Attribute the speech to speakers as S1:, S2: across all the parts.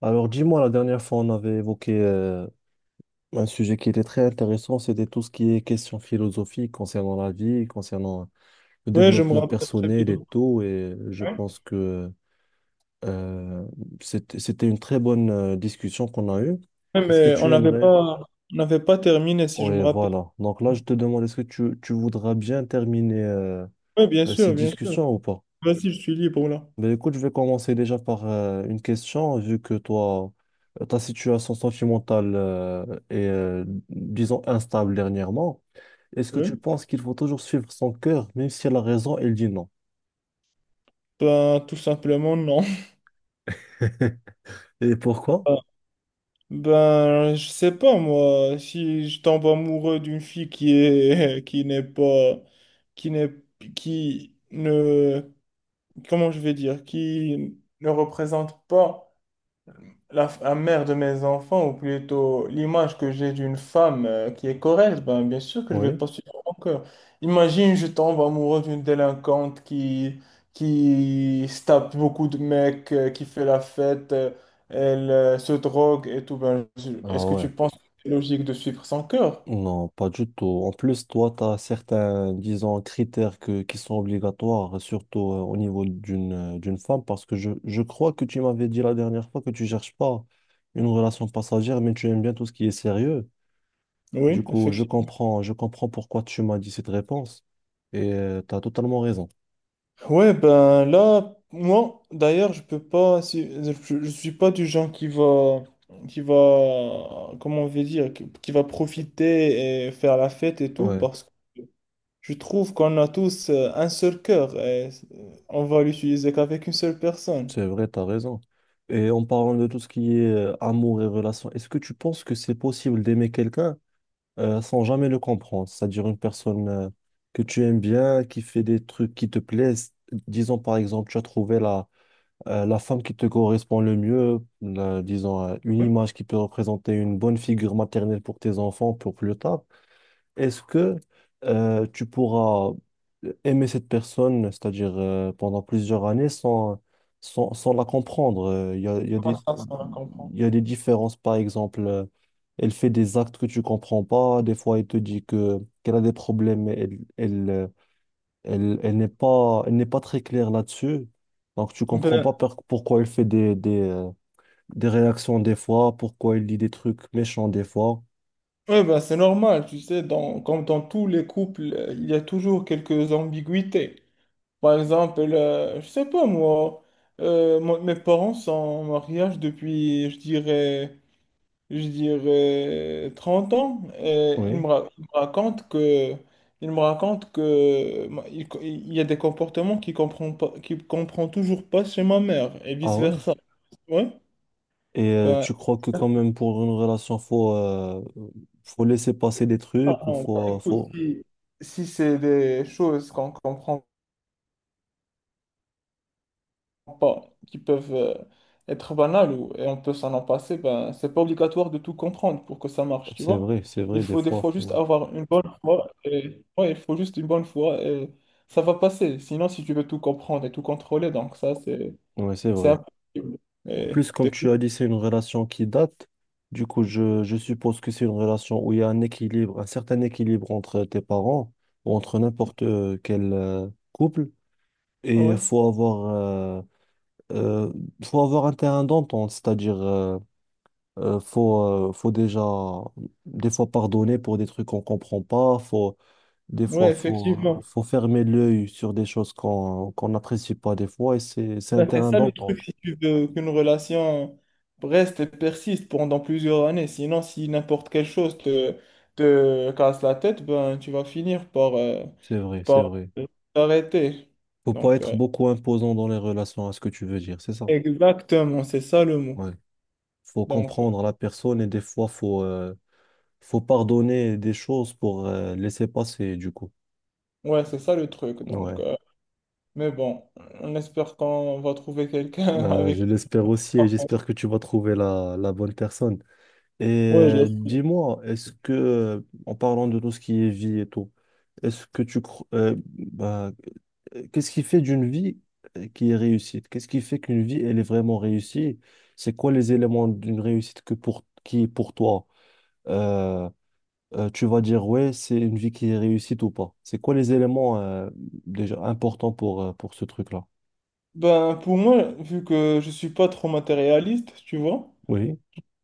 S1: Alors dis-moi, la dernière fois, on avait évoqué un sujet qui était très intéressant, c'était tout ce qui est question philosophique concernant la vie, concernant le
S2: Ouais, je me
S1: développement
S2: rappelle très bien.
S1: personnel et tout, et je
S2: Ouais.
S1: pense que euh, c'était une très bonne discussion qu'on a eue.
S2: Ouais,
S1: Est-ce que
S2: mais on
S1: tu
S2: n'avait
S1: aimerais?
S2: pas, on n'avait pas terminé, si je
S1: Oui,
S2: me rappelle.
S1: voilà. Donc là, je te demande, est-ce que tu voudras bien terminer
S2: Oui, bien
S1: cette
S2: sûr, bien sûr.
S1: discussion ou pas?
S2: Vas-y, je suis libre là.
S1: Ben écoute, je vais commencer déjà par une question, vu que toi, ta situation sentimentale est, disons, instable dernièrement. Est-ce que tu
S2: Oui.
S1: penses qu'il faut toujours suivre son cœur, même si la raison, elle dit non?
S2: Ben, tout simplement, non.
S1: Et pourquoi?
S2: Ben, je sais pas, moi, si je tombe amoureux d'une fille qui est, qui n'est pas, qui n'est, qui ne, comment je vais dire, qui ne représente pas. La mère de mes enfants, ou plutôt l'image que j'ai d'une femme qui est correcte, ben, bien sûr que je vais
S1: Oui.
S2: pas suivre mon cœur. Imagine, je tombe amoureux d'une délinquante qui se tape beaucoup de mecs, qui fait la fête, elle se drogue et tout. Ben,
S1: Ah
S2: est-ce que
S1: ouais.
S2: tu penses que c'est logique de suivre son cœur?
S1: Non, pas du tout. En plus, toi, tu as certains, disons, critères qui sont obligatoires, surtout au niveau d'une d'une femme, parce que je crois que tu m'avais dit la dernière fois que tu cherches pas une relation passagère, mais tu aimes bien tout ce qui est sérieux. Du
S2: Oui,
S1: coup,
S2: effectivement.
S1: je comprends pourquoi tu m'as dit cette réponse et tu as totalement raison.
S2: Ouais, ben là, moi, d'ailleurs, je peux pas, je suis pas du genre comment on veut dire, qui va profiter et faire la fête et tout,
S1: Ouais,
S2: parce que je trouve qu'on a tous un seul cœur et on va l'utiliser qu'avec une seule personne.
S1: c'est vrai, tu as raison. Et en parlant de tout ce qui est amour et relation, est-ce que tu penses que c'est possible d'aimer quelqu'un sans jamais le comprendre? C'est-à-dire une personne que tu aimes bien, qui fait des trucs qui te plaisent. Disons par exemple, tu as trouvé la femme qui te correspond le mieux, disons une
S2: Ouais.
S1: image qui peut représenter une bonne figure maternelle pour tes enfants pour plus tard. Est-ce que tu pourras aimer cette personne, c'est-à-dire pendant plusieurs années, sans la comprendre? Il y a,
S2: Comment ça, ça on va comprendre?
S1: il y a des différences, par exemple, elle fait des actes que tu comprends pas, des fois elle te dit qu'elle a des problèmes, mais elle n'est pas très claire là-dessus, donc tu comprends pas
S2: Ben,
S1: pourquoi elle fait des réactions des fois, pourquoi il dit des trucs méchants des fois.
S2: ouais, ben c'est normal, tu sais, dans, comme dans tous les couples, il y a toujours quelques ambiguïtés. Par exemple, je sais pas moi, mes parents sont en mariage depuis, je dirais 30 ans. Et
S1: Oui.
S2: ils me racontent que, il y a des comportements qu'ils comprend toujours pas chez ma mère et
S1: Ah ouais.
S2: vice-versa. Ouais.
S1: Et
S2: Ben,
S1: tu crois que quand même pour une relation, faut laisser passer des
S2: ah
S1: trucs ou
S2: non, bah, écoute,
S1: faut...
S2: si c'est des choses qu'on comprend pas, qui peuvent être banales ou, et on peut s'en en passer, ben, c'est pas obligatoire de tout comprendre pour que ça marche, tu vois.
S1: C'est
S2: Il
S1: vrai, des
S2: faut des
S1: fois,
S2: fois juste
S1: faut...
S2: avoir une bonne foi et ouais, il faut juste une bonne foi et ça va passer. Sinon, si tu veux tout comprendre et tout contrôler, donc ça, c'est
S1: Ouais, c'est
S2: c'est
S1: vrai.
S2: impossible.
S1: En
S2: Et
S1: plus, comme
S2: t'es-
S1: tu as dit, c'est une relation qui date. Du coup, je suppose que c'est une relation où il y a un équilibre, un certain équilibre entre tes parents ou entre n'importe quel couple. Et
S2: ouais,
S1: euh, faut avoir un terrain d'entente, c'est-à-dire faut déjà des fois pardonner pour des trucs qu'on comprend pas. Faut, des fois,
S2: ouais,
S1: faut, euh,
S2: effectivement.
S1: faut fermer l'œil sur des choses qu'on n'apprécie pas des fois. Et c'est un
S2: Ben, c'est
S1: terrain
S2: ça le truc,
S1: d'entente.
S2: si tu veux qu'une relation reste et persiste pendant plusieurs années. Sinon, si n'importe quelle chose te casse la tête, ben, tu vas finir par, euh,
S1: C'est vrai, c'est
S2: par
S1: vrai.
S2: t'arrêter.
S1: Faut pas
S2: Donc,
S1: être beaucoup imposant dans les relations, à ce que tu veux dire, c'est ça.
S2: exactement, c'est ça le mot.
S1: Ouais. Faut
S2: Donc,
S1: comprendre la personne et des fois, faut pardonner des choses pour laisser passer, du coup.
S2: ouais, c'est ça le truc. Donc,
S1: Ouais.
S2: mais bon, on espère qu'on va trouver quelqu'un
S1: Je
S2: avec...
S1: l'espère aussi et j'espère que tu vas trouver la bonne personne. Et
S2: Ouais, je l'espère.
S1: dis-moi, en parlant de tout ce qui est vie et tout, est-ce que tu crois, qu'est-ce qui fait d'une vie qui est réussite? Qu'est-ce qui fait qu'une vie, elle est vraiment réussie? C'est quoi les éléments d'une réussite qui est pour toi? Euh, Tu vas dire, ouais, c'est une vie qui est réussite ou pas? C'est quoi les éléments déjà importants pour ce truc-là?
S2: Ben, pour moi, vu que je suis pas trop matérialiste, tu vois.
S1: Oui,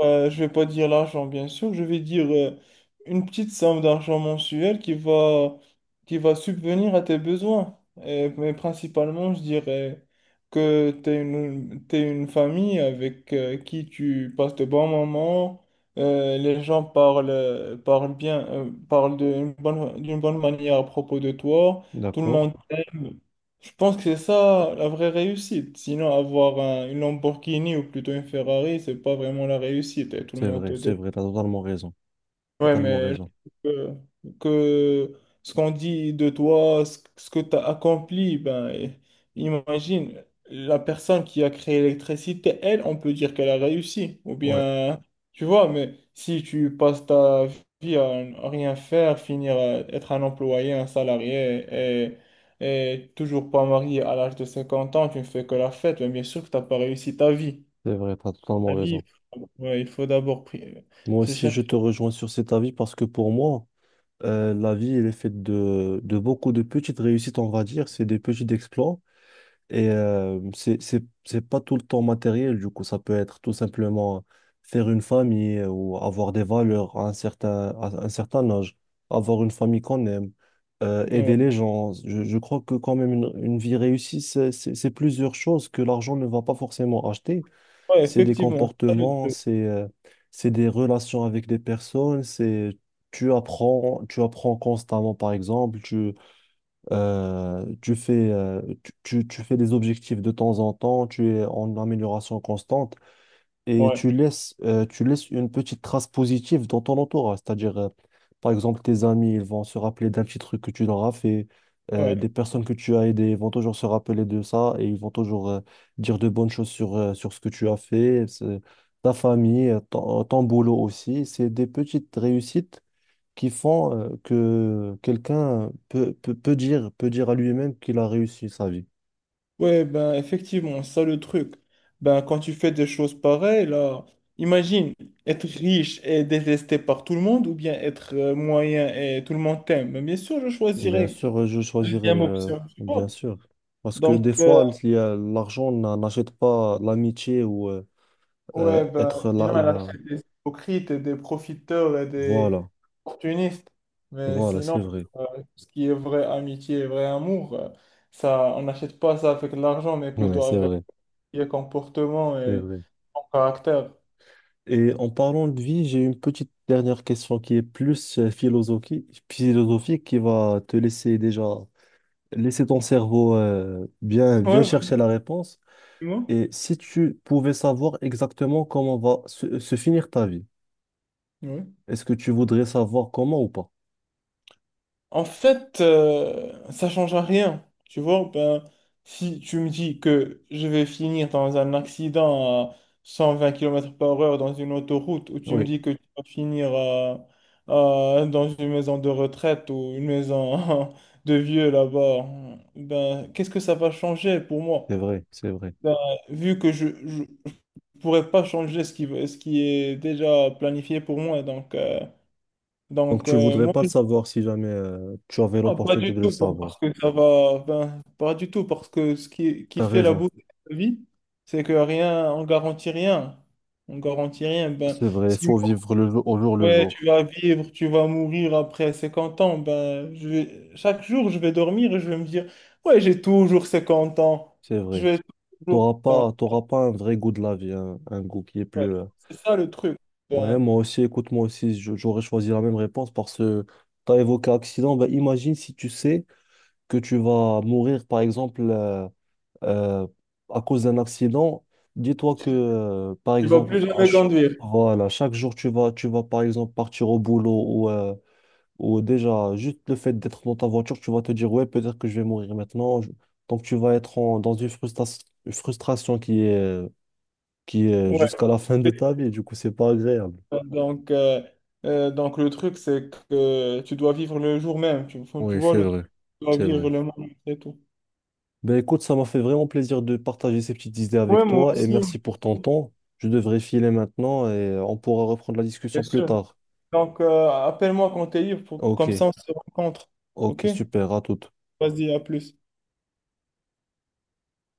S2: Je vais pas dire l'argent, bien sûr, je vais dire une petite somme d'argent mensuel qui va subvenir à tes besoins. Mais principalement, je dirais que t'es une famille avec qui tu passes de bons moments. Les gens parlent bien, parlent d'une bonne manière à propos de toi. Tout le
S1: d'accord.
S2: monde t'aime. Je pense que c'est ça la vraie réussite. Sinon, avoir une Lamborghini ou plutôt une Ferrari, c'est pas vraiment la réussite. Et tout le monde te
S1: C'est
S2: dit.
S1: vrai, t'as totalement raison.
S2: Ouais,
S1: Totalement
S2: mais je
S1: raison.
S2: trouve que ce qu'on dit de toi, ce que tu as accompli, ben, imagine, la personne qui a créé l'électricité, elle, on peut dire qu'elle a réussi. Ou
S1: Ouais,
S2: bien, tu vois, mais si tu passes ta vie à rien faire, finir à être un employé, un salarié et, et toujours pas marié à l'âge de 50 ans, tu ne fais que la fête, mais bien sûr que tu n'as pas réussi ta vie.
S1: c'est vrai, t'as totalement
S2: Ta vie,
S1: raison.
S2: ouais, il faut d'abord
S1: Moi
S2: se
S1: aussi, je
S2: chercher.
S1: te rejoins sur cet avis parce que pour moi, la vie, elle est faite de beaucoup de petites réussites, on va dire. C'est des petits exploits et c'est pas tout le temps matériel. Du coup, ça peut être tout simplement faire une famille ou avoir des valeurs à un certain âge, avoir une famille qu'on aime,
S2: Ouais.
S1: aider les gens. Je crois que quand même, une vie réussie, c'est plusieurs choses que l'argent ne va pas forcément acheter.
S2: Ouais,
S1: C'est des
S2: effectivement, ça le
S1: comportements,
S2: truc.
S1: c'est des relations avec des personnes, c'est tu apprends constamment. Par exemple, tu fais des objectifs de temps en temps, tu es en amélioration constante et
S2: Ouais,
S1: tu laisses une petite trace positive dans ton entourage. C'est-à-dire, par exemple, tes amis, ils vont se rappeler d'un petit truc que tu leur as fait. Euh,
S2: ouais.
S1: des personnes que tu as aidées vont toujours se rappeler de ça et ils vont toujours dire de bonnes choses sur ce que tu as fait. Ta famille, ton boulot aussi. C'est des petites réussites qui font que quelqu'un peut dire à lui-même qu'il a réussi sa vie.
S2: Ouais, ben effectivement, ça le truc. Ben quand tu fais des choses pareilles, là, imagine être riche et détesté par tout le monde ou bien être moyen et tout le monde t'aime. Ben, bien sûr, je
S1: Bien
S2: choisirais
S1: sûr,
S2: la deuxième option, tu
S1: bien
S2: vois.
S1: sûr. Parce que des
S2: Donc,
S1: fois, l'argent n'a- n'achète pas l'amitié ou
S2: ouais, ben
S1: être
S2: sinon, elle
S1: là.
S2: achète des hypocrites et des profiteurs et des
S1: Voilà,
S2: opportunistes. Mais
S1: voilà,
S2: sinon,
S1: c'est vrai.
S2: euh, ce qui est vraie amitié et vrai amour, ça, on n'achète pas ça avec de l'argent, mais
S1: Ouais,
S2: plutôt
S1: c'est
S2: avec
S1: vrai,
S2: qui est comportement
S1: c'est
S2: et
S1: vrai.
S2: ton caractère.
S1: Et en parlant de vie, j'ai une petite dernière question qui est plus philosophique qui va te laisser déjà, laisser ton cerveau bien
S2: Ouais, bah,
S1: chercher la réponse.
S2: dis-moi.
S1: Et si tu pouvais savoir exactement comment va se finir ta vie,
S2: Ouais.
S1: est-ce que tu voudrais savoir comment ou pas?
S2: En fait, ça change à rien. Tu vois, ben, si tu me dis que je vais finir dans un accident à 120 km/h dans une autoroute, ou tu me
S1: Oui,
S2: dis que tu vas finir dans une maison de retraite ou une maison de vieux là-bas, ben, qu'est-ce que ça va changer pour
S1: c'est
S2: moi?
S1: vrai, c'est vrai.
S2: Ben, vu que je ne pourrais pas changer ce qui est déjà planifié pour moi,
S1: Donc
S2: donc
S1: tu voudrais
S2: moi,
S1: pas le savoir si jamais tu avais
S2: non, pas
S1: l'opportunité
S2: du
S1: de le
S2: tout,
S1: savoir.
S2: parce que ça va, ben, pas du tout, parce que ce qui
S1: T'as
S2: fait la
S1: raison.
S2: beauté de la vie, c'est que rien, on garantit rien. On garantit rien. Ben,
S1: C'est vrai, il
S2: si
S1: faut vivre le jour, au jour le
S2: ouais,
S1: jour.
S2: tu vas vivre, tu vas mourir après 50 ans, ben, chaque jour, je vais dormir et je vais me dire, ouais, j'ai toujours 50 ans.
S1: C'est
S2: Je
S1: vrai.
S2: vais toujours. ben,
S1: T'auras pas un vrai goût de la vie, un goût qui est
S2: ouais,
S1: plus. Euh,
S2: c'est ça le truc.
S1: ouais,
S2: Ben,
S1: moi aussi, écoute, j'aurais choisi la même réponse parce que t'as évoqué accident. Ben, imagine si tu sais que tu vas mourir, par exemple. Euh, à cause d'un accident, dis-toi par
S2: Tu vas
S1: exemple,
S2: plus jamais conduire.
S1: voilà, chaque jour, tu vas, par exemple, partir au boulot ou déjà, juste le fait d'être dans ta voiture, tu vas te dire, ouais, peut-être que je vais mourir maintenant. Je- Donc, tu vas être en- dans une une frustration qui est
S2: Ouais.
S1: jusqu'à la fin de ta vie. Du coup, c'est pas agréable.
S2: Donc, euh, donc le truc, c'est que tu dois vivre le jour même. Tu
S1: Oui,
S2: vois
S1: c'est
S2: le truc.
S1: vrai.
S2: Tu dois
S1: C'est vrai.
S2: vivre le moment, c'est tout.
S1: Ben écoute, ça m'a fait vraiment plaisir de partager ces petites idées
S2: Ouais,
S1: avec
S2: moi
S1: toi et
S2: aussi,
S1: merci pour ton temps. Je devrais filer maintenant et on pourra reprendre la discussion
S2: bien
S1: plus
S2: sûr.
S1: tard.
S2: Donc, appelle-moi quand t'es libre,
S1: Ok,
S2: comme ça on se rencontre.
S1: ok,
S2: OK?
S1: super, à tout.
S2: Vas-y, à plus.